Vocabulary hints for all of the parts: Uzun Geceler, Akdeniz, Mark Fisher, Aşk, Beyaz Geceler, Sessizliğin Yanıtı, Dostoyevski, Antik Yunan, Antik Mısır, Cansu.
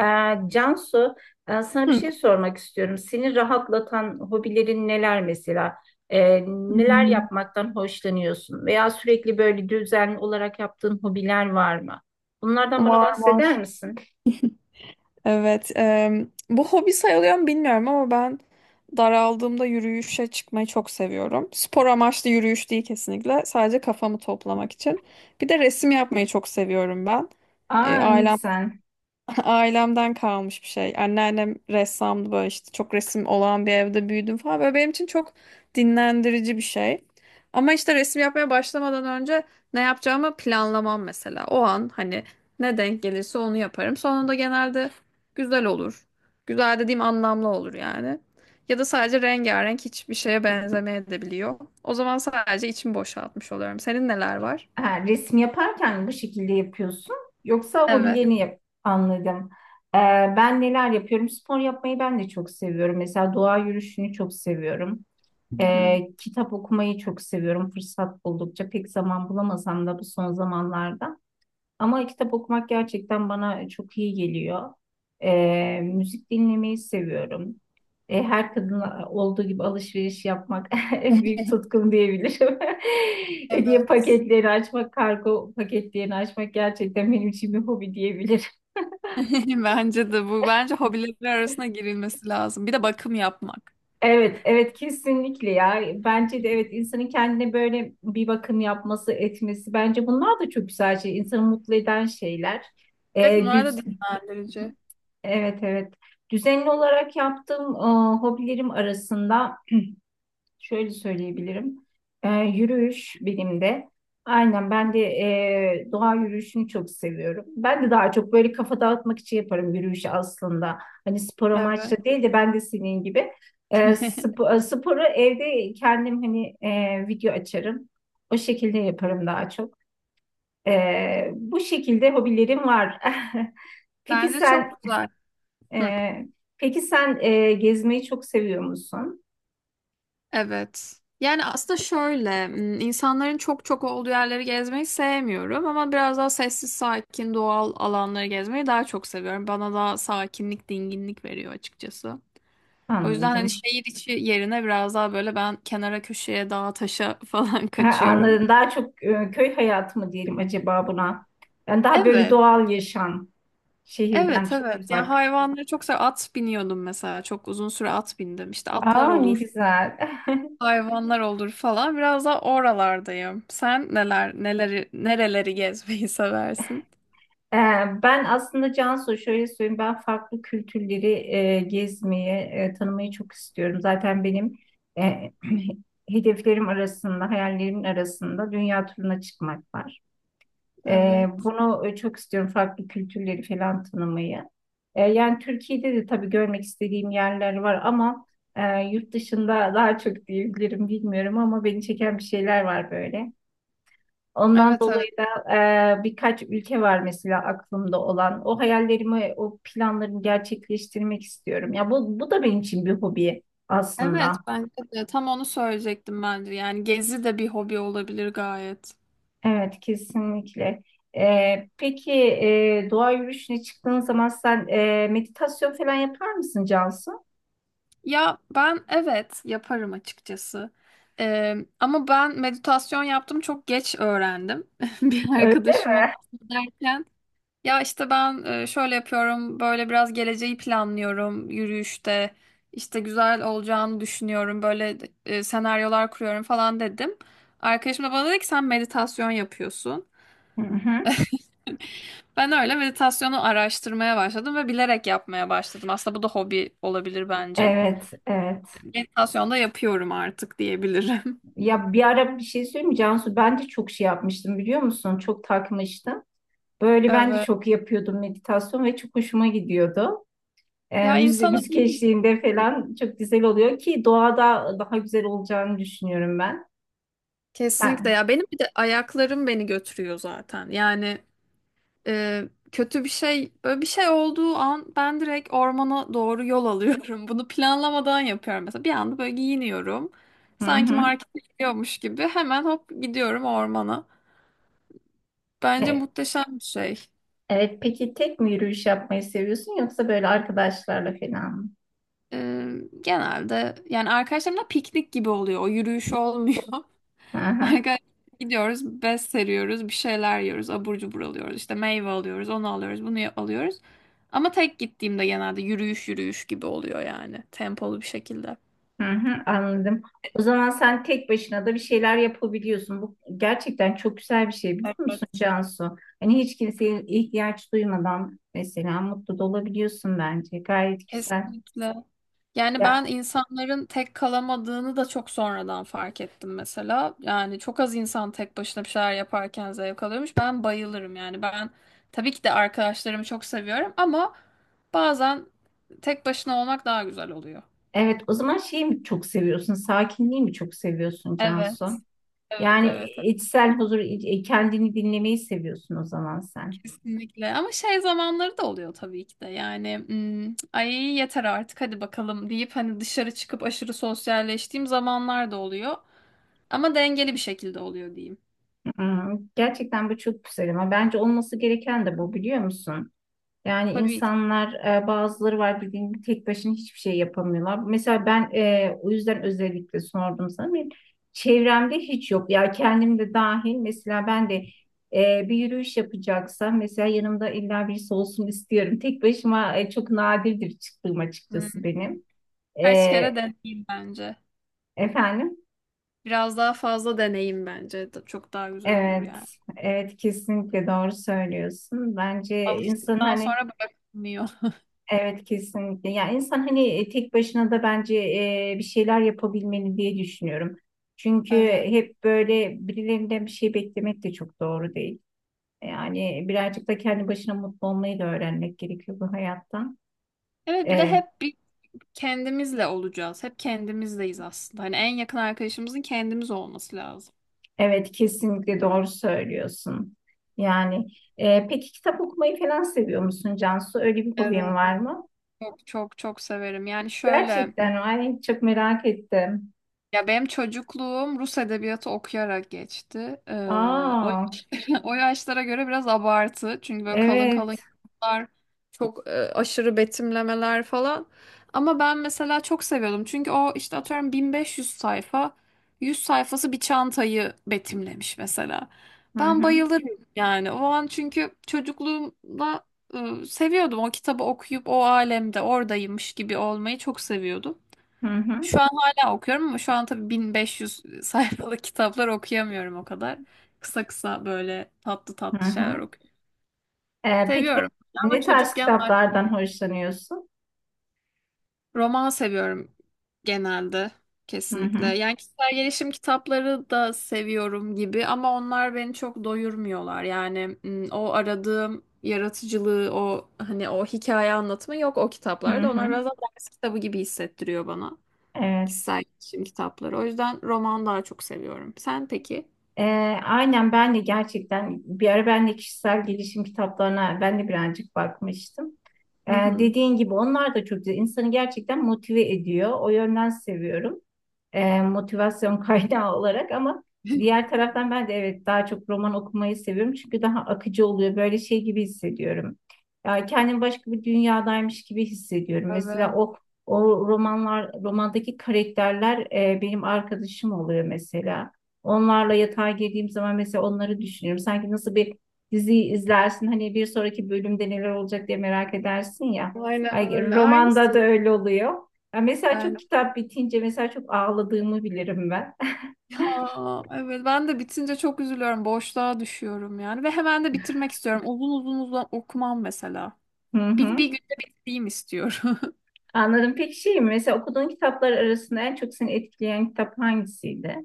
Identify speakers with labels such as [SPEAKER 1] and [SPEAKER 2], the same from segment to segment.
[SPEAKER 1] Ee, Cansu, sana bir
[SPEAKER 2] Hı.
[SPEAKER 1] şey sormak istiyorum. Seni rahatlatan hobilerin neler mesela? Neler
[SPEAKER 2] Hmm,
[SPEAKER 1] yapmaktan hoşlanıyorsun? Veya sürekli böyle düzenli olarak yaptığın hobiler var mı? Bunlardan bana
[SPEAKER 2] Var var.
[SPEAKER 1] bahseder misin?
[SPEAKER 2] Evet. Bu hobi sayılıyor mu bilmiyorum ama ben daraldığımda yürüyüşe çıkmayı çok seviyorum. Spor amaçlı yürüyüş değil kesinlikle. Sadece kafamı toplamak için. Bir de resim yapmayı çok seviyorum ben. E,
[SPEAKER 1] Aa ne
[SPEAKER 2] ailem
[SPEAKER 1] güzel.
[SPEAKER 2] Ailemden kalmış bir şey. Anneannem ressamdı, böyle işte çok resim olan bir evde büyüdüm falan. Böyle benim için çok dinlendirici bir şey. Ama işte resim yapmaya başlamadan önce ne yapacağımı planlamam mesela. O an hani ne denk gelirse onu yaparım. Sonunda genelde güzel olur. Güzel dediğim anlamlı olur yani. Ya da sadece rengarenk, hiçbir şeye benzemeyebiliyor. O zaman sadece içimi boşaltmış oluyorum. Senin neler var?
[SPEAKER 1] Ha, resim yaparken bu şekilde yapıyorsun. Yoksa
[SPEAKER 2] Evet.
[SPEAKER 1] hobilerini yap anladım. Ee, ben neler yapıyorum? Spor yapmayı ben de çok seviyorum. Mesela doğa yürüyüşünü çok seviyorum.
[SPEAKER 2] Hı hı.
[SPEAKER 1] Kitap okumayı çok seviyorum fırsat buldukça. Pek zaman bulamasam da bu son zamanlarda. Ama kitap okumak gerçekten bana çok iyi geliyor. Müzik dinlemeyi seviyorum. Her kadın olduğu gibi alışveriş yapmak en büyük tutkum diyebilirim. Hediye
[SPEAKER 2] Evet.
[SPEAKER 1] paketleri açmak, kargo paketlerini açmak gerçekten benim için bir hobi diyebilirim.
[SPEAKER 2] Bence de bu. Bence hobileri arasına girilmesi lazım. Bir de bakım yapmak.
[SPEAKER 1] Evet, evet, kesinlikle ya. Bence de evet, insanın kendine böyle bir bakım yapması, etmesi bence bunlar da çok güzel şey. İnsanı mutlu eden şeyler.
[SPEAKER 2] Evet,
[SPEAKER 1] Ee,
[SPEAKER 2] bunlar da
[SPEAKER 1] düz,
[SPEAKER 2] dinlendirici.
[SPEAKER 1] evet, evet. Düzenli olarak yaptığım hobilerim arasında şöyle söyleyebilirim. Yürüyüş benim de. Aynen ben
[SPEAKER 2] Hı.
[SPEAKER 1] de doğa yürüyüşünü çok seviyorum. Ben de daha çok böyle kafa dağıtmak için yaparım yürüyüşü aslında. Hani spor
[SPEAKER 2] Evet.
[SPEAKER 1] amaçlı değil de ben de senin gibi. Sporu evde kendim hani video açarım. O şekilde yaparım daha çok. Bu şekilde hobilerim var. Peki
[SPEAKER 2] Bence
[SPEAKER 1] sen
[SPEAKER 2] çok güzel. Hı.
[SPEAKER 1] e, peki sen gezmeyi çok seviyor musun?
[SPEAKER 2] Evet. Yani aslında şöyle, insanların çok çok olduğu yerleri gezmeyi sevmiyorum ama biraz daha sessiz, sakin, doğal alanları gezmeyi daha çok seviyorum. Bana daha sakinlik, dinginlik veriyor açıkçası. O yüzden hani
[SPEAKER 1] Anladım.
[SPEAKER 2] şehir içi yerine biraz daha böyle ben kenara köşeye, dağa, taşa falan
[SPEAKER 1] Ha,
[SPEAKER 2] kaçıyorum.
[SPEAKER 1] anladım. Daha çok köy hayatı mı diyelim acaba buna? Yani daha böyle
[SPEAKER 2] Evet.
[SPEAKER 1] doğal yaşam şehirden
[SPEAKER 2] Evet
[SPEAKER 1] çok
[SPEAKER 2] evet. Yani
[SPEAKER 1] uzak.
[SPEAKER 2] hayvanları çok at biniyordum mesela. Çok uzun süre at bindim. İşte atlar
[SPEAKER 1] Aa ne
[SPEAKER 2] olur,
[SPEAKER 1] güzel.
[SPEAKER 2] hayvanlar olur falan. Biraz da oralardayım. Sen neler neleri nereleri gezmeyi seversin?
[SPEAKER 1] Ee, ben aslında Cansu şöyle söyleyeyim, ben farklı kültürleri gezmeyi, tanımayı çok istiyorum. Zaten benim e, hedeflerim arasında, hayallerimin arasında dünya turuna çıkmak var.
[SPEAKER 2] Evet.
[SPEAKER 1] Bunu çok istiyorum, farklı kültürleri falan tanımayı. Yani Türkiye'de de tabii görmek istediğim yerler var ama yurt dışında daha çok diyebilirim, bilmiyorum ama beni çeken bir şeyler var böyle. Ondan
[SPEAKER 2] Evet evet.
[SPEAKER 1] dolayı da birkaç ülke var mesela aklımda olan. O hayallerimi, o planlarımı gerçekleştirmek istiyorum. Ya bu da benim için bir hobi
[SPEAKER 2] Evet,
[SPEAKER 1] aslında.
[SPEAKER 2] bence de tam onu söyleyecektim bence. Yani gezi de bir hobi olabilir gayet.
[SPEAKER 1] Evet, kesinlikle. Peki doğa yürüyüşüne çıktığın zaman sen meditasyon falan yapar mısın Cansu?
[SPEAKER 2] Ya ben evet yaparım açıkçası. Ama ben meditasyon yaptım, çok geç öğrendim. Bir
[SPEAKER 1] Öyle-
[SPEAKER 2] arkadaşım ona derken, ya işte ben şöyle yapıyorum, böyle biraz geleceği planlıyorum yürüyüşte. İşte güzel olacağını düşünüyorum, böyle senaryolar kuruyorum falan dedim. Arkadaşım da bana dedi ki sen meditasyon yapıyorsun.
[SPEAKER 1] Hı hı.
[SPEAKER 2] Ben öyle meditasyonu araştırmaya başladım ve bilerek yapmaya başladım. Aslında bu da hobi olabilir bence.
[SPEAKER 1] Evet, evet.
[SPEAKER 2] Meditasyon da yapıyorum artık diyebilirim.
[SPEAKER 1] Ya bir ara bir şey söyleyeyim mi Cansu? Ben de çok şey yapmıştım biliyor musun? Çok takmıştım. Böyle ben de
[SPEAKER 2] Evet.
[SPEAKER 1] çok yapıyordum meditasyon ve çok hoşuma gidiyordu.
[SPEAKER 2] Ya insana
[SPEAKER 1] Müzik
[SPEAKER 2] iyi geliyor.
[SPEAKER 1] eşliğinde falan çok güzel oluyor ki doğada daha güzel olacağını düşünüyorum ben.
[SPEAKER 2] Kesinlikle
[SPEAKER 1] Sen.
[SPEAKER 2] ya, benim bir de ayaklarım beni götürüyor zaten. Yani e, kötü bir şey, böyle bir şey olduğu an ben direkt ormana doğru yol alıyorum. Bunu planlamadan yapıyorum mesela. Bir anda böyle giyiniyorum.
[SPEAKER 1] Hı
[SPEAKER 2] Sanki
[SPEAKER 1] hı.
[SPEAKER 2] markete gidiyormuş gibi hemen hop gidiyorum ormana. Bence
[SPEAKER 1] E,
[SPEAKER 2] muhteşem bir şey.
[SPEAKER 1] evet, peki tek mi yürüyüş yapmayı seviyorsun yoksa böyle arkadaşlarla falan mı?
[SPEAKER 2] E, Genelde yani arkadaşlarımla piknik gibi oluyor. O yürüyüş olmuyor.
[SPEAKER 1] Hı hı.
[SPEAKER 2] Arkadaşlar gidiyoruz, bez seriyoruz, bir şeyler yiyoruz, abur cubur alıyoruz, işte meyve alıyoruz, onu alıyoruz, bunu alıyoruz. Ama tek gittiğimde genelde yürüyüş yürüyüş gibi oluyor, yani tempolu bir şekilde.
[SPEAKER 1] Hı hı, anladım. O zaman sen tek başına da bir şeyler yapabiliyorsun. Bu gerçekten çok güzel bir şey biliyor musun
[SPEAKER 2] Evet.
[SPEAKER 1] Cansu? Hani hiç kimseye ihtiyaç duymadan mesela mutlu da olabiliyorsun bence. Gayet güzel.
[SPEAKER 2] Kesinlikle. Yani ben
[SPEAKER 1] Ya
[SPEAKER 2] insanların tek kalamadığını da çok sonradan fark ettim mesela. Yani çok az insan tek başına bir şeyler yaparken zevk alıyormuş. Ben bayılırım yani. Ben tabii ki de arkadaşlarımı çok seviyorum ama bazen tek başına olmak daha güzel oluyor.
[SPEAKER 1] evet, o zaman şeyi mi çok seviyorsun? Sakinliği mi çok seviyorsun
[SPEAKER 2] Evet,
[SPEAKER 1] Cansu?
[SPEAKER 2] evet,
[SPEAKER 1] Yani
[SPEAKER 2] evet, evet.
[SPEAKER 1] içsel huzur, kendini dinlemeyi seviyorsun o zaman sen.
[SPEAKER 2] Kesinlikle. Ama şey zamanları da oluyor tabii ki de. Yani "Hmm, "ay yeter artık, hadi bakalım" deyip hani dışarı çıkıp aşırı sosyalleştiğim zamanlar da oluyor. Ama dengeli bir şekilde oluyor diyeyim.
[SPEAKER 1] Hmm, gerçekten bu çok güzel ama bence olması gereken de bu biliyor musun? Yani
[SPEAKER 2] Tabii ki.
[SPEAKER 1] insanlar bazıları var bildiğin gibi tek başına hiçbir şey yapamıyorlar. Mesela ben o yüzden özellikle sordum sana. Benim çevremde hiç yok. Ya kendim de dahil, mesela ben de bir yürüyüş yapacaksam mesela yanımda illa birisi olsun istiyorum. Tek başıma çok nadirdir çıktığım
[SPEAKER 2] Hmm.
[SPEAKER 1] açıkçası benim. E,
[SPEAKER 2] Kaç kere deneyim bence.
[SPEAKER 1] efendim?
[SPEAKER 2] Biraz daha fazla deneyim bence. Çok daha güzel olur
[SPEAKER 1] Evet,
[SPEAKER 2] yani.
[SPEAKER 1] evet kesinlikle doğru söylüyorsun. Bence insan
[SPEAKER 2] Alıştıktan sonra
[SPEAKER 1] hani
[SPEAKER 2] bırakılmıyor.
[SPEAKER 1] evet kesinlikle. Yani insan hani tek başına da bence bir şeyler yapabilmeli diye düşünüyorum. Çünkü
[SPEAKER 2] Evet.
[SPEAKER 1] hep böyle birilerinden bir şey beklemek de çok doğru değil. Yani birazcık da kendi başına mutlu olmayı da öğrenmek gerekiyor bu hayattan.
[SPEAKER 2] Evet, bir de
[SPEAKER 1] E,
[SPEAKER 2] hep bir kendimizle olacağız. Hep kendimizdeyiz aslında. Hani en yakın arkadaşımızın kendimiz olması lazım.
[SPEAKER 1] evet kesinlikle doğru söylüyorsun. Yani peki kitap okumayı falan seviyor musun Cansu? Öyle bir hobin
[SPEAKER 2] Evet.
[SPEAKER 1] var mı?
[SPEAKER 2] Çok çok çok severim. Yani şöyle,
[SPEAKER 1] Gerçekten ay çok merak ettim.
[SPEAKER 2] ya benim çocukluğum Rus edebiyatı okuyarak geçti.
[SPEAKER 1] Aa
[SPEAKER 2] O yaşlara göre biraz abartı. Çünkü böyle kalın kalın
[SPEAKER 1] evet.
[SPEAKER 2] kitaplar, çok aşırı betimlemeler falan. Ama ben mesela çok seviyordum. Çünkü o işte atıyorum 1500 sayfa, 100 sayfası bir çantayı betimlemiş mesela.
[SPEAKER 1] Hı
[SPEAKER 2] Ben
[SPEAKER 1] hı.
[SPEAKER 2] bayılırım yani. O an çünkü çocukluğumda seviyordum. O kitabı okuyup o alemde oradaymış gibi olmayı çok seviyordum.
[SPEAKER 1] Hı hı.
[SPEAKER 2] Şu an hala okuyorum ama şu an tabii 1500 sayfalık kitaplar okuyamıyorum o kadar. Kısa kısa böyle tatlı
[SPEAKER 1] Hı
[SPEAKER 2] tatlı şeyler
[SPEAKER 1] hı.
[SPEAKER 2] okuyorum.
[SPEAKER 1] Peki
[SPEAKER 2] Seviyorum ama
[SPEAKER 1] ne tarz
[SPEAKER 2] çocukken daha
[SPEAKER 1] kitaplardan hoşlanıyorsun?
[SPEAKER 2] roman seviyorum genelde,
[SPEAKER 1] Hı
[SPEAKER 2] kesinlikle.
[SPEAKER 1] hı,
[SPEAKER 2] Yani kişisel gelişim kitapları da seviyorum gibi ama onlar beni çok doyurmuyorlar. Yani o aradığım yaratıcılığı, o hani o hikaye anlatımı yok o
[SPEAKER 1] hı
[SPEAKER 2] kitaplarda. Onlar
[SPEAKER 1] hı,
[SPEAKER 2] biraz daha ders kitabı gibi hissettiriyor bana.
[SPEAKER 1] evet.
[SPEAKER 2] Kişisel gelişim kitapları. O yüzden roman daha çok seviyorum. Sen peki?
[SPEAKER 1] Ee, aynen ben de gerçekten bir ara ben de kişisel gelişim kitaplarına ben de birazcık bakmıştım.
[SPEAKER 2] Hı hı.
[SPEAKER 1] Dediğin gibi onlar da çok güzel. İnsanı gerçekten motive ediyor. O yönden seviyorum. Motivasyon kaynağı olarak ama diğer taraftan ben de evet daha çok roman okumayı seviyorum çünkü daha akıcı oluyor. Böyle şey gibi hissediyorum. Yani kendimi başka bir dünyadaymış gibi hissediyorum. Mesela
[SPEAKER 2] Evet.
[SPEAKER 1] o romanlar, romandaki karakterler benim arkadaşım oluyor mesela. Onlarla yatağa girdiğim zaman mesela onları düşünüyorum. Sanki nasıl bir dizi izlersin hani bir sonraki bölümde neler olacak diye merak edersin ya.
[SPEAKER 2] Aynen
[SPEAKER 1] Ay,
[SPEAKER 2] öyle.
[SPEAKER 1] romanda
[SPEAKER 2] Aynısı.
[SPEAKER 1] da öyle oluyor. Ya mesela çok
[SPEAKER 2] Ben
[SPEAKER 1] kitap bitince mesela çok ağladığımı bilirim ben.
[SPEAKER 2] Aa, evet, ben de bitince çok üzülüyorum. Boşluğa düşüyorum yani. Ve hemen de bitirmek istiyorum. Uzun uzun uzun okumam mesela.
[SPEAKER 1] Hı
[SPEAKER 2] Bir,
[SPEAKER 1] hı.
[SPEAKER 2] bir günde bitireyim istiyorum.
[SPEAKER 1] Anladım. Peki şey mi? Mesela okuduğun kitaplar arasında en çok seni etkileyen kitap hangisiydi?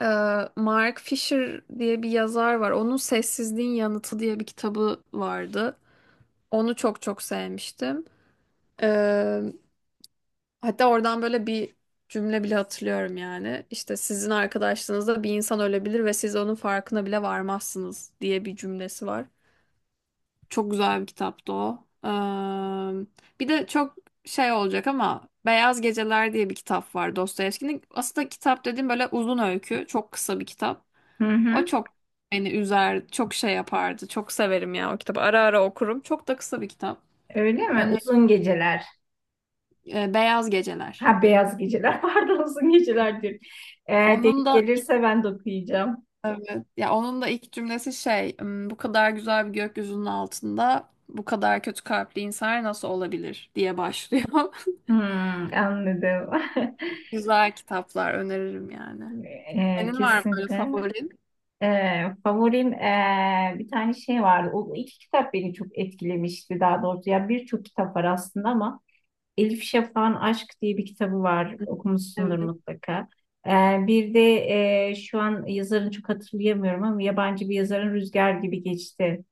[SPEAKER 2] Ee, Mark Fisher diye bir yazar var. Onun Sessizliğin Yanıtı diye bir kitabı vardı. Onu çok çok sevmiştim. Hatta oradan böyle bir cümle bile hatırlıyorum yani. İşte "sizin arkadaşlığınızda bir insan ölebilir ve siz onun farkına bile varmazsınız" diye bir cümlesi var. Çok güzel bir kitaptı o. Bir de çok şey olacak ama Beyaz Geceler diye bir kitap var Dostoyevski'nin. Aslında kitap dediğim böyle uzun öykü, çok kısa bir kitap.
[SPEAKER 1] Hı
[SPEAKER 2] O
[SPEAKER 1] hı.
[SPEAKER 2] çok beni üzer, çok şey yapardı. Çok severim ya o kitabı. Ara ara okurum. Çok da kısa bir kitap.
[SPEAKER 1] Öyle mi?
[SPEAKER 2] Öne,
[SPEAKER 1] Uzun Geceler.
[SPEAKER 2] Beyaz Geceler.
[SPEAKER 1] Ha, Beyaz Geceler. Pardon, Uzun Geceler diyorum. Eğer
[SPEAKER 2] Onun
[SPEAKER 1] denk
[SPEAKER 2] da
[SPEAKER 1] gelirse ben de okuyacağım.
[SPEAKER 2] Evet. Ya onun da ilk cümlesi şey, "Hmm, "bu kadar güzel bir gökyüzünün altında bu kadar kötü kalpli insanlar nasıl olabilir" diye başlıyor.
[SPEAKER 1] Hmm, anladım.
[SPEAKER 2] Güzel kitaplar öneririm yani. Senin var mı böyle
[SPEAKER 1] Kesinlikle.
[SPEAKER 2] favorin?
[SPEAKER 1] Favorim bir tane şey vardı. O iki kitap beni çok etkilemişti daha doğrusu. Ya birçok kitap var aslında ama Elif Şafak'ın Aşk diye bir kitabı var.
[SPEAKER 2] Evet.
[SPEAKER 1] Okumuşsundur mutlaka. Ee, bir de şu an yazarını çok hatırlayamıyorum ama yabancı bir yazarın Rüzgar Gibi Geçti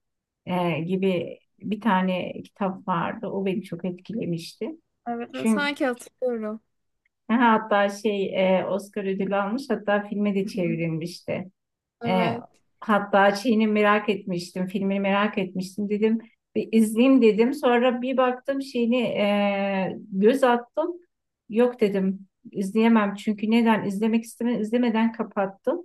[SPEAKER 1] gibi bir tane kitap vardı. O beni çok etkilemişti.
[SPEAKER 2] Evet, evet,
[SPEAKER 1] Çünkü
[SPEAKER 2] sanki hatırlıyorum.
[SPEAKER 1] ha, hatta şey Oscar ödülü almış, hatta filme de
[SPEAKER 2] Hı hı.
[SPEAKER 1] çevrilmişti. E,
[SPEAKER 2] Evet.
[SPEAKER 1] hatta şeyini merak etmiştim, filmini merak etmiştim dedim. Bir izleyeyim dedim. Sonra bir baktım şeyini göz attım. Yok dedim izleyemem çünkü neden izlemek isteme, izlemeden kapattım.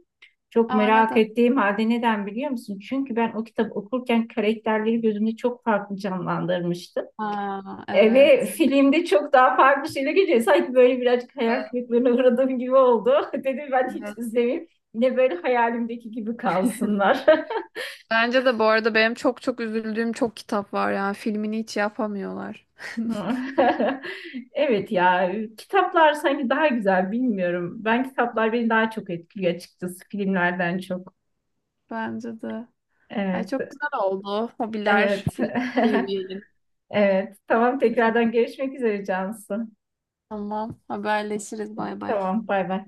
[SPEAKER 1] Çok
[SPEAKER 2] Aa
[SPEAKER 1] merak
[SPEAKER 2] neden?
[SPEAKER 1] ettiğim halde neden biliyor musun? Çünkü ben o kitabı okurken karakterleri gözümde çok farklı canlandırmıştım.
[SPEAKER 2] Aa
[SPEAKER 1] Ve
[SPEAKER 2] evet.
[SPEAKER 1] filmde çok daha farklı şeyler geliyor. Sanki böyle birazcık hayal
[SPEAKER 2] Evet,
[SPEAKER 1] kırıklığına uğradığım gibi oldu. Dedim ben hiç
[SPEAKER 2] evet.
[SPEAKER 1] izlemeyeyim. Yine böyle hayalimdeki gibi kalsınlar.
[SPEAKER 2] Bence de bu arada benim çok çok üzüldüğüm çok kitap var yani, filmini hiç yapamıyorlar.
[SPEAKER 1] Evet ya, kitaplar sanki daha güzel, bilmiyorum. Ben kitaplar beni daha çok etkiliyor açıkçası, filmlerden çok.
[SPEAKER 2] Bence de. Ay
[SPEAKER 1] Evet,
[SPEAKER 2] çok güzel oldu. Hobiler
[SPEAKER 1] evet.
[SPEAKER 2] birlikte yürüyelim.
[SPEAKER 1] Evet. Tamam, tekrardan görüşmek üzere Cansu.
[SPEAKER 2] Tamam. Haberleşiriz. Bay bay.
[SPEAKER 1] Tamam, bay bay.